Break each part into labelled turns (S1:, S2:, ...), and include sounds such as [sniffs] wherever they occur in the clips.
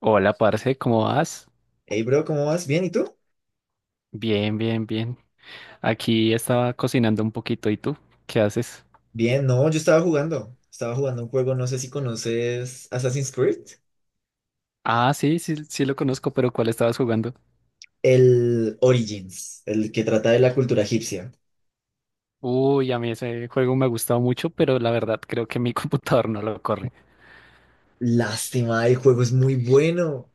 S1: Hola, parce, ¿cómo vas?
S2: Hey, bro, ¿cómo vas? ¿Bien? ¿Y tú?
S1: Bien, bien, bien. Aquí estaba cocinando un poquito. ¿Y tú? ¿Qué haces?
S2: Bien, no, yo estaba jugando. Estaba jugando un juego, no sé si conoces Assassin's Creed.
S1: Ah, sí, sí, sí lo conozco, pero ¿cuál estabas jugando?
S2: El Origins, el que trata de la cultura egipcia.
S1: Uy, a mí ese juego me ha gustado mucho, pero la verdad creo que mi [laughs] computador no lo corre.
S2: Lástima, el juego es muy bueno.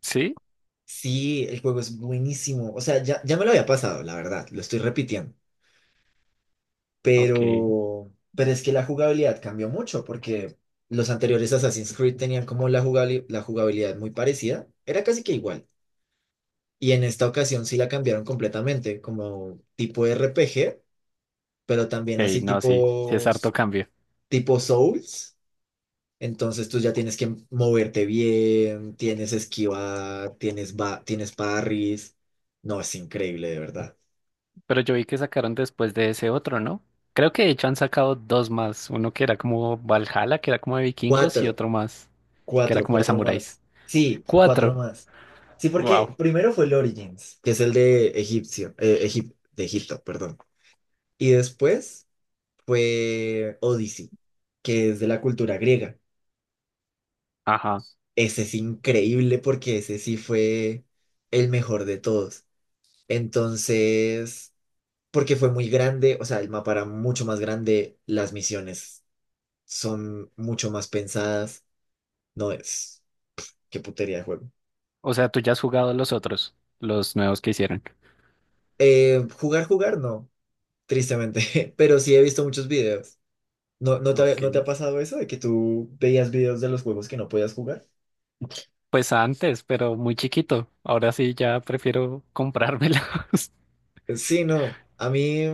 S1: ¿Sí?
S2: Sí, el juego es buenísimo. O sea, ya me lo había pasado, la verdad, lo estoy repitiendo.
S1: Ok.
S2: Pero es que la jugabilidad cambió mucho porque los anteriores Assassin's Creed tenían como la jugabilidad muy parecida. Era casi que igual. Y en esta ocasión sí la cambiaron completamente, como tipo RPG, pero también
S1: Ok,
S2: así
S1: no, sí, sí es harto cambio.
S2: tipo Souls. Entonces tú ya tienes que moverte bien, tienes esquivar, tienes parries. No, es increíble, de verdad.
S1: Pero yo vi que sacaron después de ese otro, ¿no? Creo que de hecho han sacado dos más. Uno que era como Valhalla, que era como de vikingos, y
S2: Cuatro,
S1: otro más, que era como de
S2: cuatro
S1: samuráis.
S2: más. Sí, cuatro
S1: Cuatro.
S2: más. Sí,
S1: Wow.
S2: porque primero fue el Origins, que es el de Egipcio, de Egipto, perdón. Y después fue Odyssey, que es de la cultura griega.
S1: Ajá.
S2: Ese es increíble porque ese sí fue el mejor de todos. Entonces, porque fue muy grande, o sea, el mapa era mucho más grande, las misiones son mucho más pensadas. No es, qué putería de juego.
S1: O sea, tú ya has jugado los otros, los nuevos que hicieron.
S2: No, tristemente, [laughs] pero sí he visto muchos videos. ¿No,
S1: Ok.
S2: no te ha pasado eso de que tú veías videos de los juegos que no podías jugar?
S1: Pues antes, pero muy chiquito. Ahora sí ya prefiero comprármelos. [laughs]
S2: Sí, no, a mí.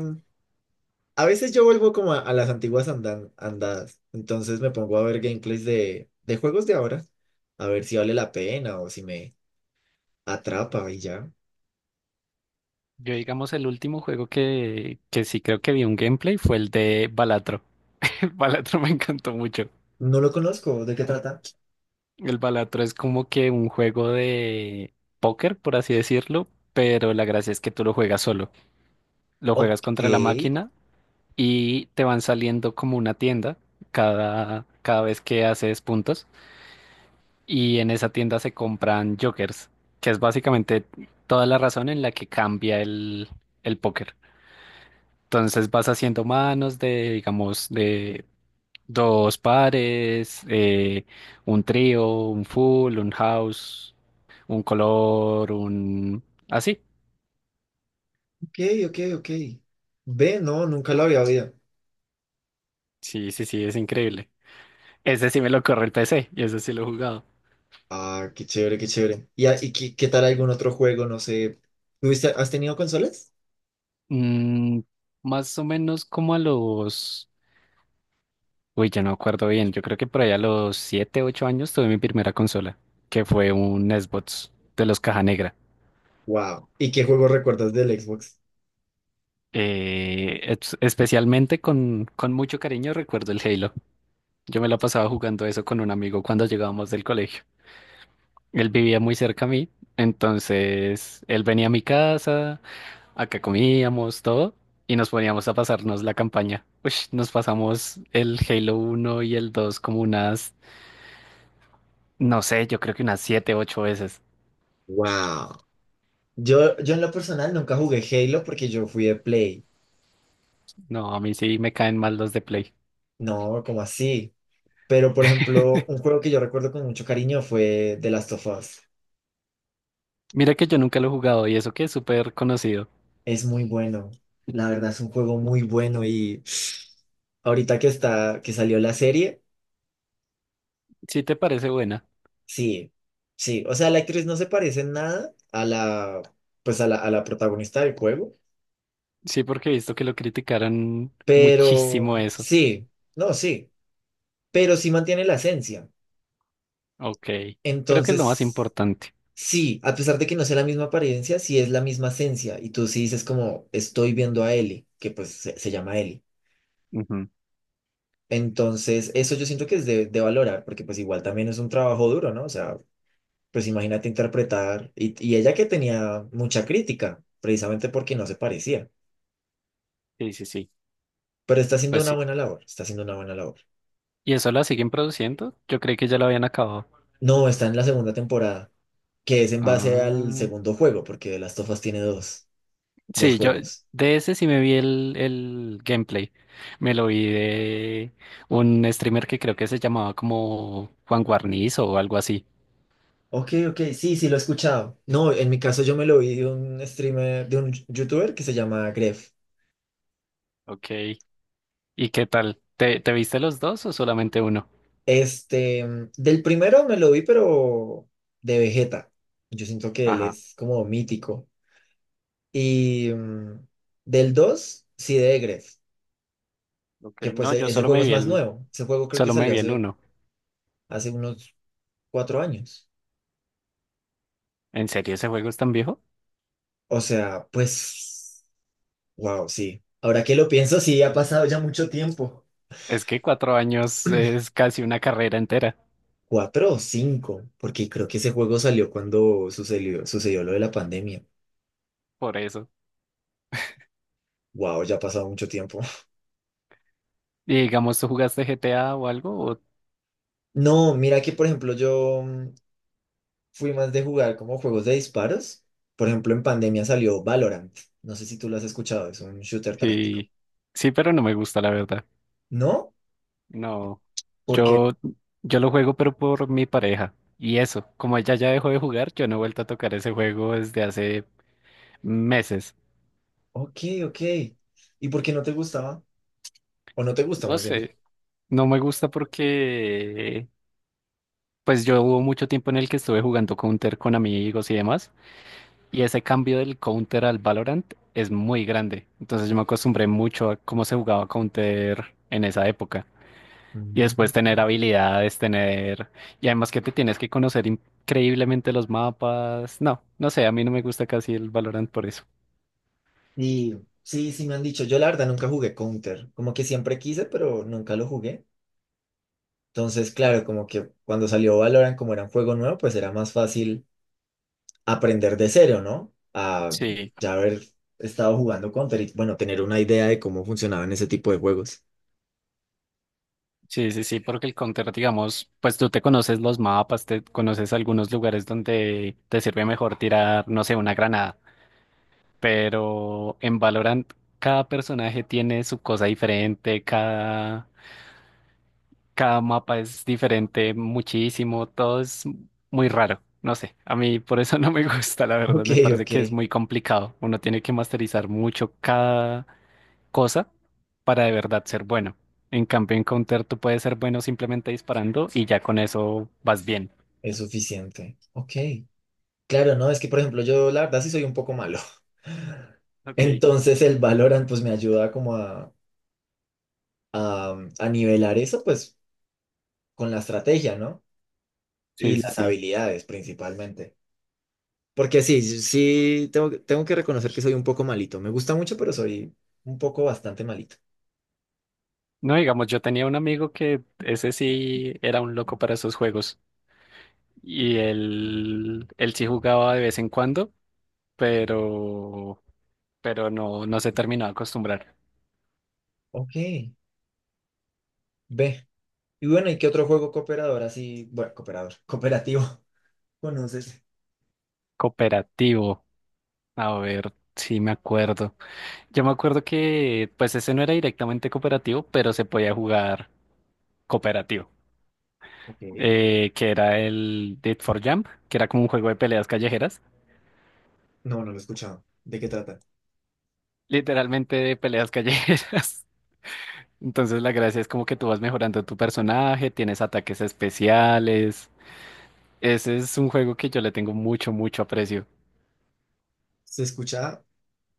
S2: A veces yo vuelvo como a las andadas, entonces me pongo a ver gameplays de juegos de ahora, a ver si vale la pena o si me atrapa y ya.
S1: Yo, digamos, el último juego que sí creo que vi un gameplay fue el de Balatro. [laughs] El Balatro me encantó mucho.
S2: No lo conozco, ¿de qué trata?
S1: El Balatro es como que un juego de póker, por así decirlo, pero la gracia es que tú lo juegas solo. Lo juegas
S2: Ok,
S1: contra la máquina y te van saliendo como una tienda cada vez que haces puntos. Y en esa tienda se compran jokers, que es básicamente toda la razón en la que cambia el póker. Entonces vas haciendo manos de, digamos, de dos pares, un trío, un full, un house, un color, un... Así.
S2: ok, ok, ok. Ve, no, nunca lo había oído.
S1: Sí, sí, sí, es increíble. Ese sí me lo corre el PC y ese sí lo he jugado.
S2: Ah, qué chévere, qué chévere. ¿Y, y qué, qué tal algún otro juego? No sé. ¿Tuviste, has tenido consolas?
S1: Mm, más o menos como a los... Uy, yo no acuerdo bien. Yo creo que por allá a los 7, 8 años tuve mi primera consola, que fue un Xbox de los Caja Negra.
S2: Wow. ¿Y qué juego recuerdas del Xbox?
S1: Especialmente con mucho cariño recuerdo el Halo. Yo me la pasaba jugando eso con un amigo cuando llegábamos del colegio. Él vivía muy cerca a mí, entonces él venía a mi casa, acá comíamos todo y nos poníamos a pasarnos la campaña. Uy, nos pasamos el Halo uno y el 2 como unas, no sé, yo creo que unas 7, 8 veces.
S2: Wow. Yo en lo personal nunca jugué Halo porque yo fui de Play.
S1: No, a mí sí me caen mal los de Play.
S2: No, ¿cómo así? Pero, por ejemplo, un juego que yo recuerdo con mucho cariño fue The Last of Us.
S1: Mira que yo nunca lo he jugado y eso que es súper conocido.
S2: Es muy bueno. La verdad es un juego muy bueno y [sniffs] ahorita que está, que salió la serie,
S1: ¿Sí te parece buena?
S2: sí, sí. O sea, la actriz no se parece en nada a la, pues a la protagonista del juego,
S1: Sí, porque he visto que lo criticaron
S2: pero
S1: muchísimo eso.
S2: sí, no, sí, pero sí mantiene la esencia.
S1: Ok, creo que es lo más
S2: Entonces,
S1: importante.
S2: sí, a pesar de que no sea la misma apariencia, sí es la misma esencia. Y tú sí dices como, estoy viendo a Ellie, que pues se llama Ellie.
S1: Ujú.
S2: Entonces, eso yo siento que es de valorar, porque pues igual también es un trabajo duro, ¿no? O sea, pues imagínate interpretar, y ella que tenía mucha crítica, precisamente porque no se parecía,
S1: Sí, sí, sí.
S2: pero está haciendo
S1: Pues
S2: una
S1: sí.
S2: buena labor, está haciendo una buena labor.
S1: ¿Y eso la siguen produciendo? Yo creí que ya lo habían acabado.
S2: No, está en la segunda temporada, que es en base al
S1: Ah,
S2: segundo juego, porque The Last of Us tiene dos, dos
S1: sí, yo
S2: juegos.
S1: de ese sí me vi el gameplay. Me lo vi de un streamer que creo que se llamaba como Juan Guarnizo o algo así.
S2: Ok, ok, sí, sí, lo he escuchado. No, en mi caso yo me lo vi de un streamer, de un youtuber que se llama Gref.
S1: Ok. ¿Y qué tal? Te viste los dos o solamente uno?
S2: Este, mm, del primero me lo vi, pero de Vegeta. Yo siento que él
S1: Ajá,
S2: es como mítico. Y mm, del 2 sí de Egref,
S1: ok.
S2: que pues
S1: No, yo
S2: ese
S1: solo
S2: juego
S1: me
S2: es
S1: vi
S2: más
S1: el,
S2: nuevo. Ese juego creo que
S1: solo me
S2: salió
S1: vi el uno.
S2: hace unos cuatro años.
S1: ¿En serio ese juego es tan viejo?
S2: O sea, pues, wow, sí. Ahora que lo pienso, sí, ha pasado ya mucho tiempo.
S1: Es que 4 años es casi una carrera entera,
S2: Cuatro o cinco, porque creo que ese juego salió cuando sucedió lo de la pandemia.
S1: por eso.
S2: Wow, ya ha pasado mucho tiempo. [laughs]
S1: Y digamos, ¿tú jugaste GTA o algo? ¿O...
S2: No, mira que por ejemplo yo mm, fui más de jugar como juegos de disparos. Por ejemplo, en pandemia salió Valorant. No sé si tú lo has escuchado, es un shooter táctico.
S1: Sí, sí, pero no me gusta, la verdad.
S2: ¿No?
S1: No,
S2: Porque,
S1: yo, yo lo juego, pero por mi pareja. Y eso, como ella ya dejó de jugar, yo no he vuelto a tocar ese juego desde hace meses.
S2: ok, ok. ¿Y por qué no te gustaba? ¿O no te gusta
S1: No
S2: más bien?
S1: sé, no me gusta porque... Pues yo hubo mucho tiempo en el que estuve jugando Counter con amigos y demás, y ese cambio del Counter al Valorant es muy grande. Entonces yo me acostumbré mucho a cómo se jugaba Counter en esa época. Y después
S2: Mm.
S1: tener habilidades, tener... Y además que te tienes que conocer increíblemente los mapas. No, no sé, a mí no me gusta casi el Valorant por eso.
S2: Y sí, sí me han dicho, yo la verdad nunca jugué Counter, como que siempre quise, pero nunca lo jugué. Entonces, claro, como que cuando salió Valorant, como era un juego nuevo, pues era más fácil aprender de cero, ¿no? A
S1: Sí,
S2: ya haber estado jugando Counter y, bueno, tener una idea de cómo funcionaban ese tipo de juegos.
S1: sí, sí, sí, porque el counter, digamos, pues tú te conoces los mapas, te conoces algunos lugares donde te sirve mejor tirar, no sé, una granada. Pero en Valorant cada personaje tiene su cosa diferente, cada mapa es diferente muchísimo, todo es muy raro. No sé, a mí por eso [laughs] no me gusta, la verdad,
S2: Ok,
S1: me parece
S2: ok,
S1: que es muy complicado. Uno tiene que masterizar mucho cada cosa para de verdad ser bueno. En cambio, en Counter tú puedes ser bueno simplemente disparando y ya con eso vas bien.
S2: es suficiente. Ok, claro, no, es que por ejemplo yo la verdad sí soy un poco malo. [laughs]
S1: Ok.
S2: Entonces el Valorant pues me ayuda como a, a nivelar eso pues con la estrategia, ¿no?
S1: Sí,
S2: Y
S1: sí,
S2: las
S1: sí.
S2: habilidades principalmente. Porque sí, sí, tengo que reconocer que soy un poco malito. Me gusta mucho, pero soy un poco bastante malito.
S1: No, digamos, yo tenía un amigo que ese sí era un loco para esos juegos. Y él sí jugaba de vez en cuando, pero, no se terminó de acostumbrar.
S2: Ok, ve. Y bueno, ¿y qué otro juego cooperador así? Bueno, cooperador, cooperativo. [laughs] ¿Conoces?
S1: Cooperativo, a ver, sí me acuerdo. Yo me acuerdo que pues ese no era directamente cooperativo, pero se podía jugar cooperativo,
S2: Ok.
S1: que era el Dead for Jump, que era como un juego de peleas callejeras,
S2: No, no lo he escuchado. ¿De qué trata?
S1: literalmente de peleas callejeras. [laughs] Entonces la gracia es como que tú vas mejorando tu personaje, tienes ataques especiales. Ese es un juego que yo le tengo mucho, mucho aprecio.
S2: Se escucha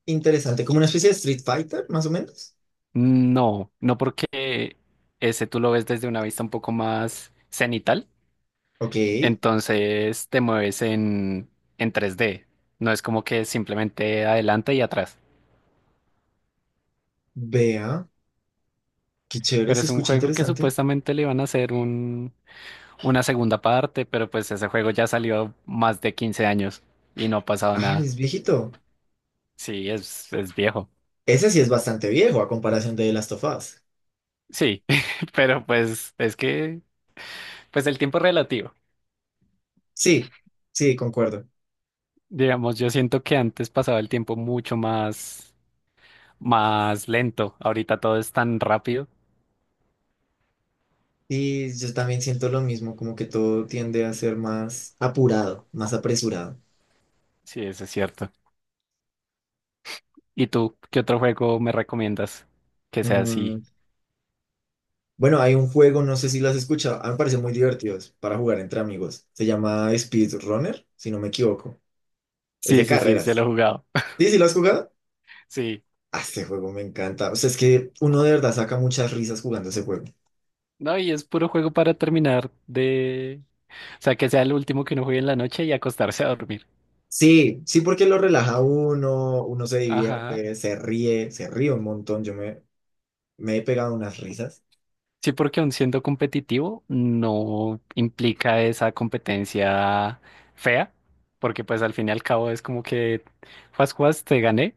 S2: interesante, como una especie de Street Fighter, más o menos.
S1: No, no porque ese tú lo ves desde una vista un poco más cenital,
S2: Ok,
S1: entonces te mueves en 3D. No es como que simplemente adelante y atrás.
S2: vea, qué chévere,
S1: Pero
S2: se
S1: es un
S2: escucha
S1: juego que
S2: interesante.
S1: supuestamente le iban a hacer una segunda parte, pero pues ese juego ya salió más de 15 años y no ha pasado
S2: Ah,
S1: nada.
S2: es viejito.
S1: Sí, es viejo.
S2: Ese sí es bastante viejo a comparación de Last of Us.
S1: Sí, [laughs] pero pues el tiempo es relativo.
S2: Sí, sí, concuerdo.
S1: Digamos, yo siento que antes pasaba el tiempo mucho más, más lento. Ahorita todo es tan rápido.
S2: Y yo también siento lo mismo, como que todo tiende a ser más apurado, más apresurado.
S1: Sí, eso es cierto. ¿Y tú, qué otro juego me recomiendas que sea así?
S2: Mm, bueno, hay un juego, no sé si lo has escuchado, a mí me parece muy divertido para jugar entre amigos. Se llama Speedrunner, si no me equivoco. Es de
S1: Sí, sí, sí, se lo he
S2: carreras.
S1: jugado. [laughs]
S2: ¿Sí, sí lo has jugado?
S1: Sí.
S2: Ah, este juego me encanta. O sea, es que uno de verdad saca muchas risas jugando ese juego.
S1: No, y es puro juego para terminar de... O sea, que sea el último que uno juegue en la noche y acostarse a dormir.
S2: Sí, sí, porque lo relaja uno, uno se
S1: Ajá.
S2: divierte, se ríe un montón. Yo me, me he pegado unas risas.
S1: Sí, porque aun siendo competitivo, no implica esa competencia fea, porque pues al fin y al cabo es como que, juas, juas, te gané.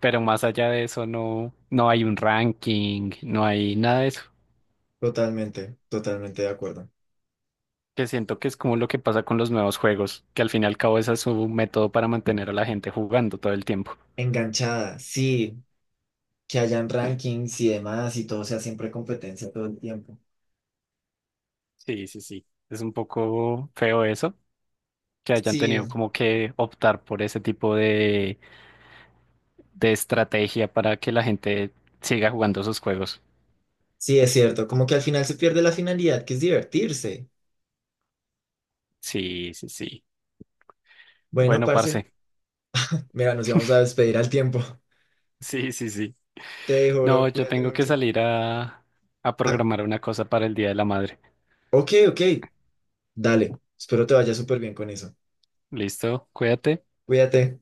S1: Pero más allá de eso, no, no hay un ranking, no hay nada de eso.
S2: Totalmente, totalmente de acuerdo.
S1: Que siento que es como lo que pasa con los nuevos juegos, que al fin y al cabo ese es su método para mantener a la gente jugando todo el tiempo.
S2: Enganchada, sí, que hayan rankings y demás y todo sea siempre competencia todo el tiempo.
S1: Sí, sí, sí. Es un poco feo eso, que hayan
S2: Sí,
S1: tenido como que optar por ese tipo de estrategia para que la gente siga jugando sus juegos.
S2: sí, es cierto. Como que al final se pierde la finalidad, que es divertirse.
S1: Sí, sí, sí.
S2: Bueno,
S1: Bueno,
S2: parce,
S1: parce.
S2: mira, nos íbamos a despedir al tiempo. [laughs]
S1: Sí, sí, sí.
S2: Te dejo,
S1: No,
S2: bro,
S1: yo
S2: cuídate
S1: tengo que
S2: mucho.
S1: salir a
S2: Ah,
S1: programar una cosa para el Día de la Madre.
S2: ok, ok. Dale, espero te vaya súper bien con eso.
S1: Listo, cuídate.
S2: Cuídate.